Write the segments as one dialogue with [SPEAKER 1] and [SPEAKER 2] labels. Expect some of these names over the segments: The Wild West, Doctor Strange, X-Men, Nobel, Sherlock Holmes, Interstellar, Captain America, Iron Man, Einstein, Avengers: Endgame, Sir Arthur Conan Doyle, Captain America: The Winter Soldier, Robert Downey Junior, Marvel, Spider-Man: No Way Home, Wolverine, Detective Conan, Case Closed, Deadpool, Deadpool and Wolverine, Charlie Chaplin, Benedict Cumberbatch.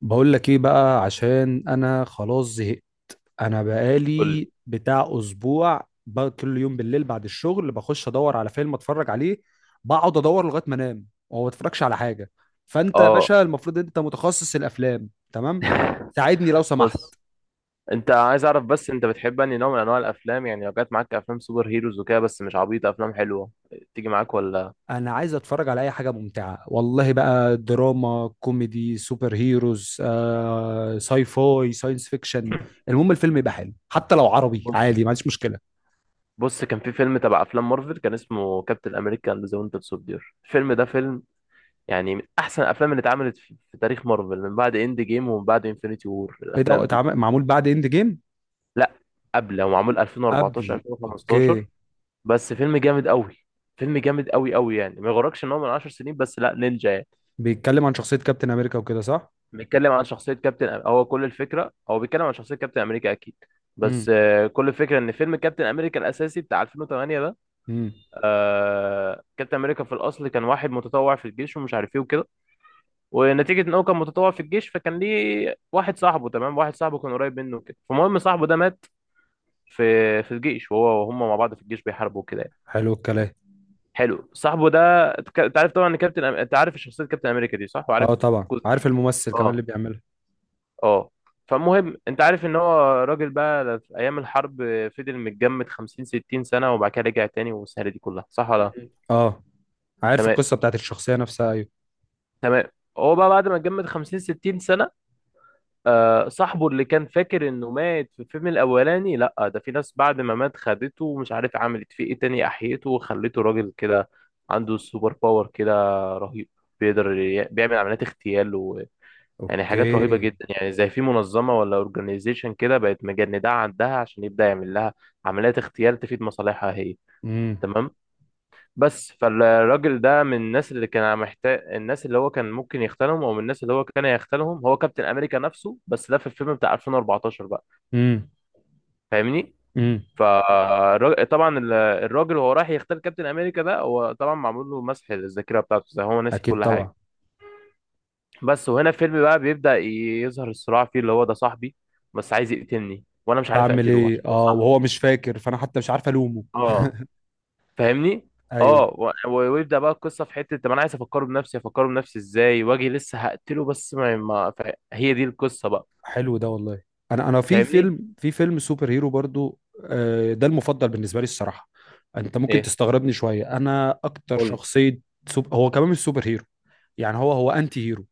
[SPEAKER 1] بقول لك ايه بقى، عشان انا خلاص زهقت. انا
[SPEAKER 2] قول لي.
[SPEAKER 1] بقالي بتاع اسبوع بقى كل يوم بالليل بعد الشغل بخش ادور على فيلم اتفرج عليه. بقعد ادور لغايه ما انام وما بتفرجش على حاجه. فانت يا
[SPEAKER 2] اه.
[SPEAKER 1] باشا المفروض انت متخصص الافلام، تمام؟ ساعدني لو سمحت.
[SPEAKER 2] بص، انت عايز اعرف بس انت بتحب انهي نوع من انواع الافلام؟ يعني لو جت معاك افلام سوبر هيروز وكده بس مش عبيطه، افلام حلوه، تيجي معاك ولا؟
[SPEAKER 1] انا عايز اتفرج على اي حاجه ممتعه والله بقى، دراما، كوميدي، سوبر هيروز، ساي فاي، ساينس فيكشن. المهم الفيلم يبقى حلو، حتى لو عربي
[SPEAKER 2] بص
[SPEAKER 1] عادي ما عنديش مشكله.
[SPEAKER 2] بص كان في فيلم تبع افلام مارفل كان اسمه كابتن امريكا اند ذا وينتر سولدير. الفيلم ده فيلم يعني من احسن الافلام اللي اتعملت في تاريخ مارفل من بعد اند جيم ومن بعد انفينيتي وور،
[SPEAKER 1] ايه ده؟
[SPEAKER 2] الافلام دي.
[SPEAKER 1] معمول بعد اند جيم؟
[SPEAKER 2] لا، قبل، هو معمول 2014
[SPEAKER 1] قبل، اوكي.
[SPEAKER 2] 2015. بس فيلم جامد قوي، فيلم جامد قوي قوي، يعني ما يغركش ان هو من 10 سنين، بس لا نينجا يعني.
[SPEAKER 1] بيتكلم عن شخصية كابتن امريكا وكده، صح؟
[SPEAKER 2] بيتكلم عن شخصية كابتن، هو كل الفكرة هو بيتكلم عن شخصية كابتن أمريكا أكيد. بس
[SPEAKER 1] امم
[SPEAKER 2] كل الفكرة إن فيلم كابتن أمريكا الأساسي بتاع 2008 ده،
[SPEAKER 1] امم.
[SPEAKER 2] كابتن أمريكا في الأصل كان واحد متطوع في الجيش ومش عارف إيه وكده، ونتيجة إن هو كان متطوع في الجيش فكان ليه واحد صاحبه، تمام، واحد صاحبه كان قريب منه كده، فالمهم صاحبه ده مات في الجيش، وهو وهم مع بعض في الجيش بيحاربوا كده يعني.
[SPEAKER 1] حلو الكلام.
[SPEAKER 2] حلو صاحبه ده. أنت عارف طبعا إن كابتن أنت عارف شخصية كابتن أمريكا دي صح، وعارف
[SPEAKER 1] اه طبعا،
[SPEAKER 2] جزء.
[SPEAKER 1] عارف الممثل كمان اللي
[SPEAKER 2] اه.
[SPEAKER 1] بيعملها.
[SPEAKER 2] اه. فالمهم انت عارف ان هو راجل بقى في ايام الحرب، فضل متجمد 50 60 سنه وبعد كده رجع تاني والسهره دي كلها، صح ولا لا؟
[SPEAKER 1] اه، عارف
[SPEAKER 2] تمام.
[SPEAKER 1] القصة بتاعت الشخصية نفسها، ايوه.
[SPEAKER 2] تمام. هو بقى بعد ما اتجمد 50 60 سنه، صاحبه اللي كان فاكر انه مات في الفيلم الاولاني، لا ده في ناس بعد ما مات خدته ومش عارف عملت فيه ايه تاني، احيته وخلته راجل كده عنده سوبر باور كده رهيب، بيقدر بيعمل عمليات اغتيال، يعني حاجات
[SPEAKER 1] اوكي.
[SPEAKER 2] رهيبة جدا، يعني زي في منظمة ولا اورجانيزيشن كده بقت مجندعة عندها عشان يبدأ يعمل لها عمليات اغتيال تفيد مصالحها هي،
[SPEAKER 1] امم
[SPEAKER 2] تمام؟ بس فالراجل ده من الناس اللي كان محتاج الناس اللي هو كان ممكن يختلهم، او من الناس اللي هو كان يختلهم هو كابتن امريكا نفسه، بس ده في الفيلم بتاع 2014 بقى.
[SPEAKER 1] امم
[SPEAKER 2] فاهمني؟
[SPEAKER 1] امم.
[SPEAKER 2] فطبعا الراجل وهو رايح يختل كابتن امريكا ده، هو طبعا معمول له مسح الذاكرة بتاعته، زي هو ناسي
[SPEAKER 1] اكيد
[SPEAKER 2] كل حاجة.
[SPEAKER 1] طبعا.
[SPEAKER 2] بس وهنا الفيلم بقى بيبدأ يظهر الصراع فيه، اللي هو ده صاحبي بس عايز يقتلني وانا مش عارف
[SPEAKER 1] بعمل
[SPEAKER 2] اقتله
[SPEAKER 1] ايه؟
[SPEAKER 2] عشان هو
[SPEAKER 1] اه،
[SPEAKER 2] صاحبي.
[SPEAKER 1] وهو مش فاكر فانا حتى مش عارف الومه.
[SPEAKER 2] اه. فاهمني. اه،
[SPEAKER 1] ايوه.
[SPEAKER 2] ويبدأ بقى القصة في حتة، طب انا عايز افكره بنفسي، افكره بنفسي ازاي؟ واجي لسه هقتله، بس ما, ما ف- هي دي القصة بقى.
[SPEAKER 1] حلو ده والله. انا انا في
[SPEAKER 2] فاهمني؟
[SPEAKER 1] فيلم في فيلم سوبر هيرو برضو. ده المفضل بالنسبه لي الصراحه. انت ممكن
[SPEAKER 2] ايه؟
[SPEAKER 1] تستغربني شويه، انا اكتر
[SPEAKER 2] قول.
[SPEAKER 1] شخصيه… هو كمان مش سوبر هيرو، يعني هو هو انتي هيرو،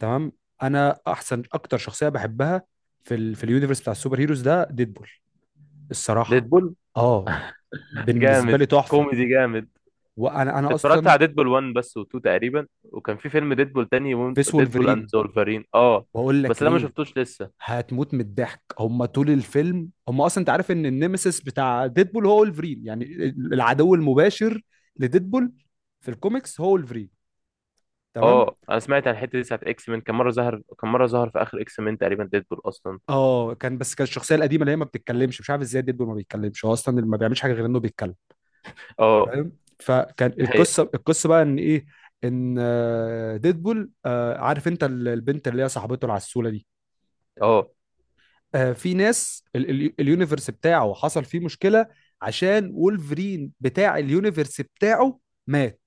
[SPEAKER 1] تمام. انا احسن اكتر شخصيه بحبها في اليونيفرس بتاع السوبر هيروز ده ديدبول، الصراحه.
[SPEAKER 2] ديدبول؟
[SPEAKER 1] اه، بالنسبه
[SPEAKER 2] جامد،
[SPEAKER 1] لي تحفه.
[SPEAKER 2] كوميدي جامد.
[SPEAKER 1] وانا
[SPEAKER 2] اتفرجت
[SPEAKER 1] اصلا…
[SPEAKER 2] على ديدبول 1 بس و2 تقريبا، وكان في فيلم ديدبول تاني،
[SPEAKER 1] فيس
[SPEAKER 2] ديدبول اند
[SPEAKER 1] وولفرين.
[SPEAKER 2] زولفرين، اه.
[SPEAKER 1] بقول لك
[SPEAKER 2] بس ده ما
[SPEAKER 1] ايه،
[SPEAKER 2] شفتوش لسه.
[SPEAKER 1] هتموت من الضحك. هم طول الفيلم، هم اصلا انت عارف ان النيمسيس بتاع ديدبول هو ولفرين يعني، العدو المباشر لديدبول. في الكوميكس هو ولفرين، تمام.
[SPEAKER 2] اه، انا سمعت عن الحته دي ساعه اكس مان، كان مره ظهر كان مره ظهر في اخر اكس مان تقريبا ديدبول اصلا.
[SPEAKER 1] اه كان، بس كان الشخصيه القديمه اللي هي ما بتتكلمش. مش عارف ازاي ديدبول ما بيتكلمش، هو اصلا اللي ما بيعملش حاجه غير انه بيتكلم.
[SPEAKER 2] اه.
[SPEAKER 1] فاهم؟ فكان
[SPEAKER 2] دي حقيقة.
[SPEAKER 1] القصه بقى ان ايه. ان ديدبول عارف انت البنت اللي هي صاحبته العسوله دي،
[SPEAKER 2] اه.
[SPEAKER 1] في ناس اليونيفرس بتاعه حصل فيه مشكلة، عشان وولفرين بتاع اليونيفرس بتاعه مات.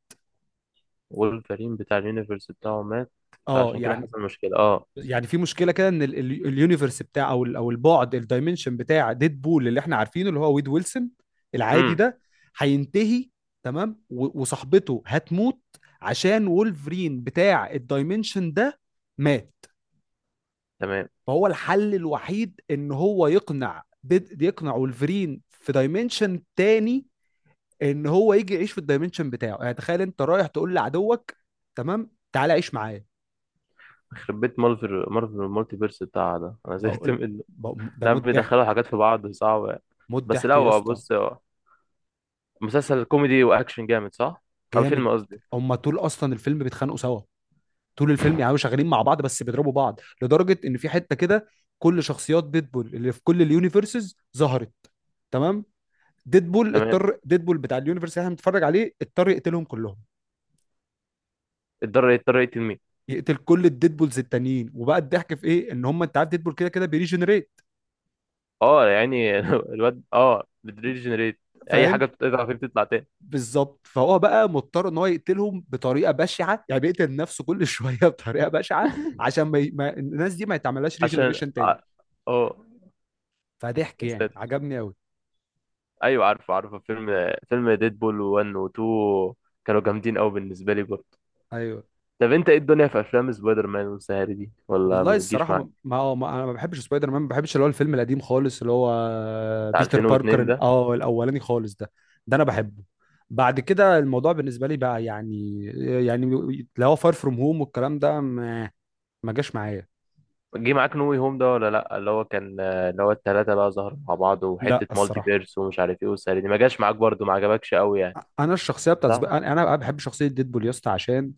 [SPEAKER 2] وولفرين بتاع اليونيفرس بتاعه مات؟
[SPEAKER 1] اه
[SPEAKER 2] فعشان كده
[SPEAKER 1] يعني.
[SPEAKER 2] حصل مشكله. اه.
[SPEAKER 1] يعني في مشكلة كده ان اليونيفرس بتاع، او او البعد، الدايمنشن بتاع ديد بول اللي احنا عارفينه، اللي هو ويد ويلسون العادي
[SPEAKER 2] امم.
[SPEAKER 1] ده، هينتهي. تمام، وصاحبته هتموت عشان وولفرين بتاع الدايمنشن ده مات.
[SPEAKER 2] تمام.
[SPEAKER 1] فهو الحل الوحيد ان هو يقنع ديد، يقنع وولفرين في دايمنشن تاني ان هو يجي يعيش في الدايمنشن بتاعه. يعني تخيل انت رايح تقول لعدوك، تمام، تعالى عيش معايا.
[SPEAKER 2] يخرب بيت مارفل المالتي فيرس بتاعها ده انا زهقت
[SPEAKER 1] بقول
[SPEAKER 2] منه.
[SPEAKER 1] ده
[SPEAKER 2] لا،
[SPEAKER 1] موت
[SPEAKER 2] بيدخلوا
[SPEAKER 1] ضحك.
[SPEAKER 2] حاجات في بعض صعبه.
[SPEAKER 1] موت
[SPEAKER 2] بس لا،
[SPEAKER 1] ضحك يا
[SPEAKER 2] هو
[SPEAKER 1] اسطى.
[SPEAKER 2] بص، هو مسلسل كوميدي واكشن جامد، صح؟ او فيلم
[SPEAKER 1] جامد.
[SPEAKER 2] قصدي.
[SPEAKER 1] هما طول اصلا الفيلم بيتخانقوا سوا. طول الفيلم يعني شغالين مع بعض، بس بيضربوا بعض، لدرجه ان في حته كده كل شخصيات ديدبول اللي في كل اليونيفرسز ظهرت، تمام.
[SPEAKER 2] تمام.
[SPEAKER 1] ديدبول بتاع اليونيفرس اللي احنا بنتفرج عليه اضطر يقتلهم كلهم،
[SPEAKER 2] اضطر يقتل مين؟
[SPEAKER 1] يقتل كل الديدبولز التانيين. وبقى الضحك في ايه؟ ان هم، انت عارف ديدبول كده كده بيريجنريت،
[SPEAKER 2] اه يعني الواد، اه، بتريجنريت. اي حاجه
[SPEAKER 1] فاهم؟
[SPEAKER 2] بتقطع فيه بتطلع تاني.
[SPEAKER 1] بالظبط. فهو بقى مضطر ان هو يقتلهم بطريقه بشعه، يعني بيقتل نفسه كل شويه بطريقه بشعه عشان ما الناس دي ما يتعملهاش
[SPEAKER 2] عشان
[SPEAKER 1] ريجنريشن تاني.
[SPEAKER 2] اه،
[SPEAKER 1] فضحك
[SPEAKER 2] يا
[SPEAKER 1] يعني،
[SPEAKER 2] ساتر.
[SPEAKER 1] عجبني قوي.
[SPEAKER 2] ايوه، عارفه عارفه، فيلم ديدبول 1 و 2 كانوا جامدين قوي بالنسبه لي برضه.
[SPEAKER 1] ايوه
[SPEAKER 2] طب انت ايه الدنيا في افلام سبايدر مان والسهر دي؟ ولا ما
[SPEAKER 1] والله
[SPEAKER 2] بتجيش
[SPEAKER 1] الصراحه
[SPEAKER 2] معاك؟
[SPEAKER 1] ما... ما... ما انا ما بحبش سبايدر مان. ما بحبش اللي هو الفيلم القديم خالص اللي هو
[SPEAKER 2] بتاع
[SPEAKER 1] بيتر باركر
[SPEAKER 2] 2002 ده.
[SPEAKER 1] الاولاني خالص ده، ده انا بحبه. بعد كده الموضوع بالنسبه لي بقى يعني، يعني اللي هو فار فروم هوم والكلام ده ما جاش معايا.
[SPEAKER 2] جه معاك نو واي هوم ده ولا لا؟ اللي هو الثلاثه بقى ظهروا مع بعض،
[SPEAKER 1] لا
[SPEAKER 2] وحته مالتي
[SPEAKER 1] الصراحه،
[SPEAKER 2] بيرس ومش عارف ايه والسهر دي، ما جاش معاك برضه؟ ما عجبكش قوي يعني؟
[SPEAKER 1] انا الشخصيه بتاعت
[SPEAKER 2] صح.
[SPEAKER 1] انا بحب شخصيه ديدبول يا اسطى، عشان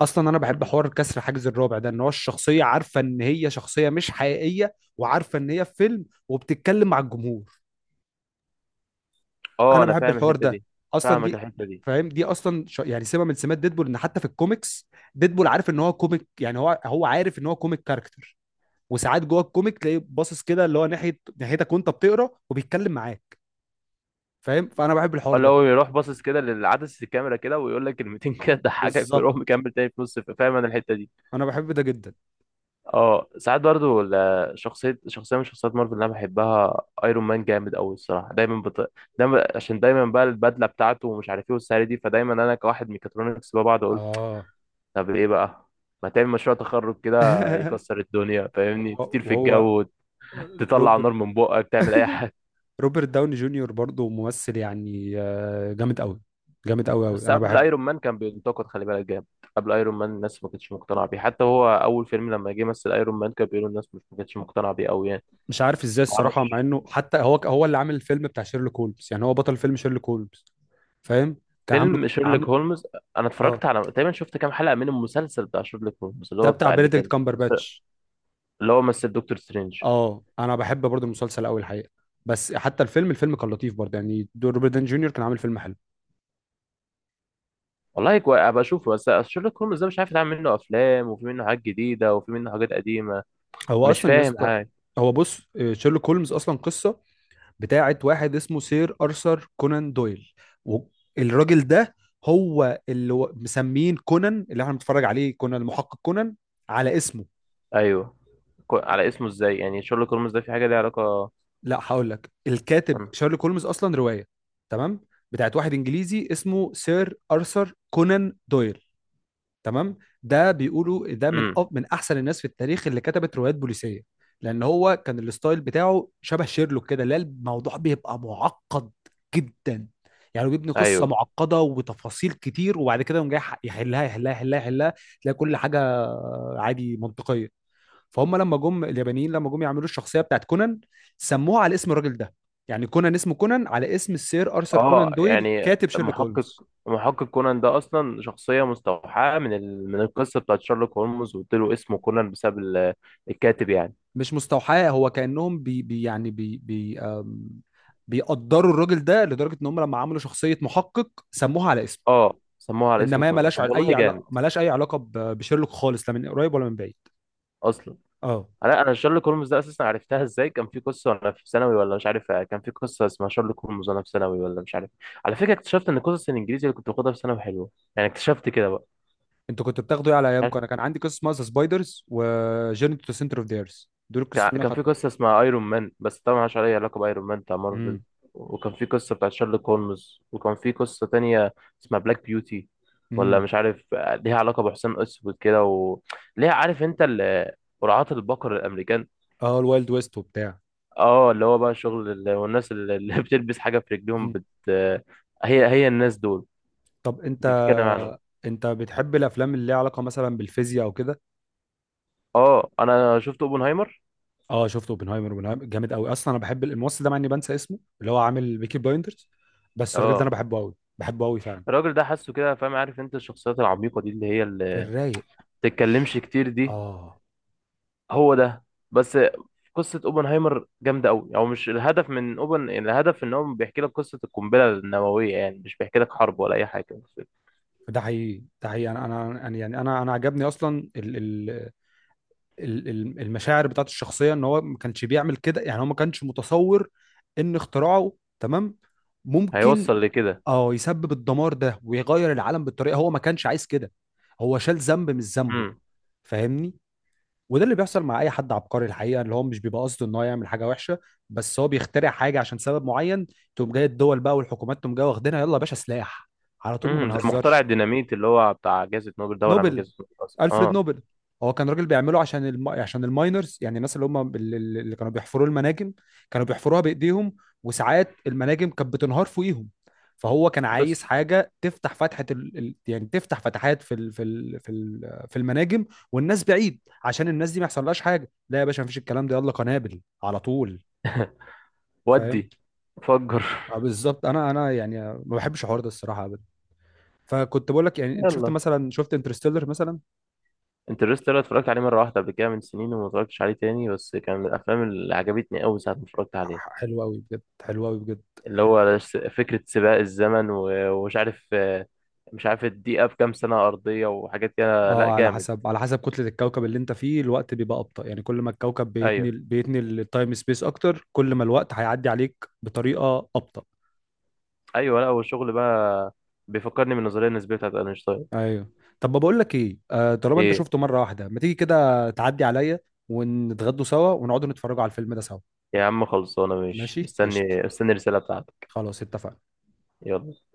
[SPEAKER 1] اصلا انا بحب
[SPEAKER 2] مم.
[SPEAKER 1] حوار كسر حاجز الرابع ده، ان هو الشخصيه عارفه ان هي شخصيه مش حقيقيه، وعارفه ان هي في فيلم، وبتتكلم مع الجمهور.
[SPEAKER 2] اه،
[SPEAKER 1] انا
[SPEAKER 2] انا
[SPEAKER 1] بحب
[SPEAKER 2] فاهم
[SPEAKER 1] الحوار
[SPEAKER 2] الحته
[SPEAKER 1] ده
[SPEAKER 2] دي.
[SPEAKER 1] اصلا.
[SPEAKER 2] فاهمك
[SPEAKER 1] دي
[SPEAKER 2] الحته دي.
[SPEAKER 1] فاهم، دي اصلا يعني سمه من سمات ديدبول، ان حتى في الكوميكس ديدبول عارف ان هو كوميك، يعني هو هو عارف ان هو كوميك كاركتر. وساعات جوه الكوميك تلاقيه باصص كده اللي هو ناحيتك وانت بتقرا وبيتكلم معاه، فاهم؟ فانا بحب
[SPEAKER 2] اه،
[SPEAKER 1] الحوار
[SPEAKER 2] اللي
[SPEAKER 1] ده
[SPEAKER 2] هو يروح باصص كده للعدسة الكاميرا كده، ويقول لك كلمتين كده تضحكك
[SPEAKER 1] بالظبط.
[SPEAKER 2] ويروح مكمل تاني في نص، فاهم؟ انا الحته دي.
[SPEAKER 1] انا بحب ده جدا.
[SPEAKER 2] اه ساعات برضو شخصية من شخصيات مارفل اللي أنا بحبها أيرون مان جامد أوي، الصراحة. دايما دايما، عشان دايما بقى البدلة بتاعته ومش عارف إيه والسعر دي، فدايما أنا كواحد ميكاترونكس بقى بقعد أقول،
[SPEAKER 1] اه
[SPEAKER 2] طب إيه بقى، ما تعمل مشروع تخرج كده يكسر الدنيا؟ فاهمني؟
[SPEAKER 1] وهو
[SPEAKER 2] تطير في
[SPEAKER 1] وهو
[SPEAKER 2] الجو، تطلع
[SPEAKER 1] روبرت
[SPEAKER 2] نار من بقك، تعمل أي حاجة.
[SPEAKER 1] روبرت داوني جونيور برضه ممثل يعني، جامد قوي. جامد قوي قوي،
[SPEAKER 2] بس
[SPEAKER 1] انا
[SPEAKER 2] قبل
[SPEAKER 1] بحبه.
[SPEAKER 2] ايرون مان كان بينتقد، خلي بالك، جامد. قبل ايرون مان الناس ما كانتش مقتنعه بيه، حتى هو اول فيلم لما جه مثل ايرون مان كان بيقولوا الناس، مش ما كانتش مقتنعه بيه قوي يعني.
[SPEAKER 1] مش عارف ازاي الصراحه،
[SPEAKER 2] معرفش.
[SPEAKER 1] مع انه حتى هو، هو اللي عامل الفيلم بتاع شيرلوك هولمز، يعني هو بطل فيلم شيرلوك هولمز، فاهم. كان عامله.
[SPEAKER 2] فيلم شيرلوك
[SPEAKER 1] عامله،
[SPEAKER 2] هولمز؟ انا
[SPEAKER 1] اه.
[SPEAKER 2] اتفرجت على، تقريبا شفت كام حلقه من المسلسل بتاع شيرلوك هولمز اللي
[SPEAKER 1] ده
[SPEAKER 2] هو
[SPEAKER 1] بتاع
[SPEAKER 2] بتاع اللي
[SPEAKER 1] بنديكت
[SPEAKER 2] كان،
[SPEAKER 1] كامبرباتش.
[SPEAKER 2] اللي هو مثل دكتور سترينج.
[SPEAKER 1] اه انا بحب برضه المسلسل قوي الحقيقه. بس حتى الفيلم، الفيلم كان لطيف برضه يعني، دور روبرت داوني جونيور كان عامل فيلم حلو.
[SPEAKER 2] والله ابقى اشوفه، بس شيرلوك هولمز ده مش عارف يتعمل منه افلام وفي منه حاجات جديده وفي منه حاجات قديمه،
[SPEAKER 1] هو
[SPEAKER 2] مش
[SPEAKER 1] اصلا يا
[SPEAKER 2] فاهم
[SPEAKER 1] اسطى،
[SPEAKER 2] حاجه.
[SPEAKER 1] هو بص، شيرلوك هولمز اصلا قصه بتاعت واحد اسمه سير أرثر كونان دويل. والراجل ده هو اللي، مسمين كونان اللي احنا بنتفرج عليه، كونان المحقق كونان على اسمه.
[SPEAKER 2] ايوه. على اسمه ازاي يعني؟ شيرلوك هولمز ده في حاجه ليها علاقه؟
[SPEAKER 1] لا هقول لك، الكاتب
[SPEAKER 2] امم.
[SPEAKER 1] شارلوك هولمز اصلا روايه، تمام، بتاعت واحد انجليزي اسمه سير ارثر كونان دويل، تمام. ده بيقولوا ده من
[SPEAKER 2] أمم.
[SPEAKER 1] من احسن الناس في التاريخ اللي كتبت روايات بوليسيه. لان هو كان الستايل بتاعه شبه شيرلوك كده، لا الموضوع بيبقى معقد جدا، يعني هو بيبني قصه
[SPEAKER 2] ايوه.
[SPEAKER 1] معقده وتفاصيل كتير، وبعد كده يقوم جاي يحلها يحلها يحلها يحلها، تلاقي كل حاجه عادي منطقيه. فهم لما جم اليابانيين، لما جم يعملوا الشخصيه بتاعت كونان سموها على اسم الراجل ده، يعني كونان اسمه كونان على اسم السير ارثر
[SPEAKER 2] اه
[SPEAKER 1] كونان دويل
[SPEAKER 2] يعني،
[SPEAKER 1] كاتب شيرلوك
[SPEAKER 2] محقق.
[SPEAKER 1] هولمز.
[SPEAKER 2] محقق كونان ده اصلا شخصيه مستوحاه من ال... من القصه بتاعت شيرلوك هولمز، واديله اسمه كونان بسبب الكاتب يعني.
[SPEAKER 1] مش مستوحاه، هو كأنهم بي بي، يعني بي بي بيقدروا الراجل ده لدرجة ان هم لما عملوا شخصية محقق سموها على اسمه.
[SPEAKER 2] اه، سموها على اسم
[SPEAKER 1] انما هي
[SPEAKER 2] كولومبس،
[SPEAKER 1] ملهاش
[SPEAKER 2] طب والله
[SPEAKER 1] اي
[SPEAKER 2] جامد.
[SPEAKER 1] علاقة، ملهاش اي علاقة بشيرلوك خالص، لا من قريب ولا من بعيد.
[SPEAKER 2] اصلا
[SPEAKER 1] اه.
[SPEAKER 2] انا شارلي كولومز ده اساسا عرفتها ازاي، كان في قصه وانا في ثانوي ولا مش عارف، كان في قصه اسمها شارلي كولومز وانا في ثانوي ولا مش عارف. على فكره اكتشفت ان قصص الانجليزي اللي كنت باخدها في ثانوي حلوه، يعني اكتشفت كده بقى.
[SPEAKER 1] انتوا كنتوا بتاخدوا ايه على ايامكم؟
[SPEAKER 2] عارف،
[SPEAKER 1] انا كان عندي قصة اسمها سبايدرز، وجيرني تو سنتر اوف ذا ايرث، دول القصص اللي انا
[SPEAKER 2] كان في
[SPEAKER 1] خدتهم.
[SPEAKER 2] قصه اسمها ايرون مان بس طبعا ملهاش اي علاقه بايرون مان بتاع مارفل،
[SPEAKER 1] امم.
[SPEAKER 2] وكان في قصه بتاعت شارلي كولمز وكان في قصه تانية اسمها بلاك بيوتي، ولا
[SPEAKER 1] امم.
[SPEAKER 2] مش عارف ليها علاقه بحسام اسود كده، وليها عارف انت قرعات البقر الامريكان.
[SPEAKER 1] اه الوايلد ويست وبتاع.
[SPEAKER 2] اه، اللي هو بقى شغل والناس اللي بتلبس حاجة في رجليهم
[SPEAKER 1] مم.
[SPEAKER 2] بت، هي هي الناس دول
[SPEAKER 1] طب انت،
[SPEAKER 2] انت بتتكلم عنهم.
[SPEAKER 1] انت بتحب الافلام اللي ليها علاقة مثلا بالفيزياء او كده؟
[SPEAKER 2] اه، انا شفت اوبنهايمر.
[SPEAKER 1] اه شفت اوبنهايمر، اوبنهايمر جامد قوي اصلا. انا بحب الممثل ده، مع اني بنسى اسمه، اللي هو عامل بيكي بلايندرز. بس الراجل ده انا
[SPEAKER 2] اه،
[SPEAKER 1] بحبه قوي، بحبه قوي فعلا.
[SPEAKER 2] الراجل ده حاسه كده، فاهم؟ عارف انت الشخصيات العميقة دي اللي هي
[SPEAKER 1] في
[SPEAKER 2] اللي
[SPEAKER 1] الرايق.
[SPEAKER 2] بتتكلمش كتير دي؟
[SPEAKER 1] اه،
[SPEAKER 2] هو ده. بس قصة اوبنهايمر جامدة قوي، او مش الهدف من اوبن الهدف ان هو بيحكي لك قصة القنبلة النووية، يعني مش بيحكي لك حرب ولا اي حاجة بس.
[SPEAKER 1] ده حقيقي، ده حقيقي. انا يعني انا انا عجبني اصلا المشاعر بتاعت الشخصيه، ان هو ما كانش بيعمل كده. يعني هو ما كانش متصور ان اختراعه، تمام، ممكن،
[SPEAKER 2] هيوصل لكده.
[SPEAKER 1] اه، يسبب الدمار ده ويغير العالم بالطريقه. هو ما كانش عايز كده، هو شال ذنب مش ذنبه،
[SPEAKER 2] امم.
[SPEAKER 1] فاهمني؟ وده اللي بيحصل مع اي حد عبقري الحقيقه، اللي هو مش بيبقى قصده ان هو يعمل حاجه وحشه، بس هو بيخترع حاجه عشان سبب معين، تقوم جاي الدول بقى والحكومات تقوم جايه واخدينها، يلا يا باشا سلاح على طول، ما
[SPEAKER 2] امم. زي مخترع
[SPEAKER 1] بنهزرش.
[SPEAKER 2] الديناميت اللي هو بتاع جائزة نوبل ده، ولا عامل
[SPEAKER 1] نوبل،
[SPEAKER 2] جائزة نوبل اصلا؟
[SPEAKER 1] الفريد
[SPEAKER 2] اه.
[SPEAKER 1] نوبل، هو كان راجل بيعمله عشان عشان الماينرز، يعني الناس اللي هم اللي كانوا بيحفروا المناجم، كانوا بيحفروها بايديهم، وساعات المناجم كانت بتنهار فوقيهم. فهو كان عايز
[SPEAKER 2] بس
[SPEAKER 1] حاجه تفتح فتحه يعني تفتح فتحات في المناجم، والناس بعيد، عشان الناس دي ما يحصلهاش حاجه. لا يا باشا مفيش الكلام ده، يلا قنابل على طول، فاهم؟
[SPEAKER 2] ودي فجر.
[SPEAKER 1] اه بالظبط. انا انا يعني ما بحبش الحوار ده الصراحه ابدا. فكنت بقول لك، يعني انت شفت
[SPEAKER 2] يلا.
[SPEAKER 1] مثلا، شفت انترستيلر مثلا؟
[SPEAKER 2] انترستيلر اتفرجت عليه مرة واحدة قبل كده من سنين وما اتفرجتش عليه تاني، بس كان من الأفلام اللي عجبتني أوي ساعة ما اتفرجت عليها.
[SPEAKER 1] حلو قوي بجد، حلو قوي بجد.
[SPEAKER 2] اللي هو فكرة سباق الزمن، ومش عارف، مش عارف الدقيقة بكام سنة أرضية وحاجات كده، لأ
[SPEAKER 1] اه، على
[SPEAKER 2] جامد.
[SPEAKER 1] حسب، على حسب كتلة الكوكب اللي انت فيه الوقت بيبقى أبطأ، يعني كل ما الكوكب بيتني
[SPEAKER 2] أيوه.
[SPEAKER 1] بيتني التايم سبيس اكتر، كل ما الوقت هيعدي عليك بطريقة أبطأ.
[SPEAKER 2] أيوه، لأ، والشغل بقى بيفكرني بالنظرية النسبية بتاعت أينشتاين.
[SPEAKER 1] ايوه. طب بقول لك ايه، طالما انت
[SPEAKER 2] إيه؟
[SPEAKER 1] شفته مرة واحدة، ما تيجي كده تعدي عليا ونتغدوا سوا، ونقعدوا نتفرجوا على الفيلم ده سوا.
[SPEAKER 2] يا عم خلصانة، ماشي،
[SPEAKER 1] ماشي قشط،
[SPEAKER 2] مستني مستني الرسالة بتاعتك.
[SPEAKER 1] خلاص اتفقنا.
[SPEAKER 2] يلا.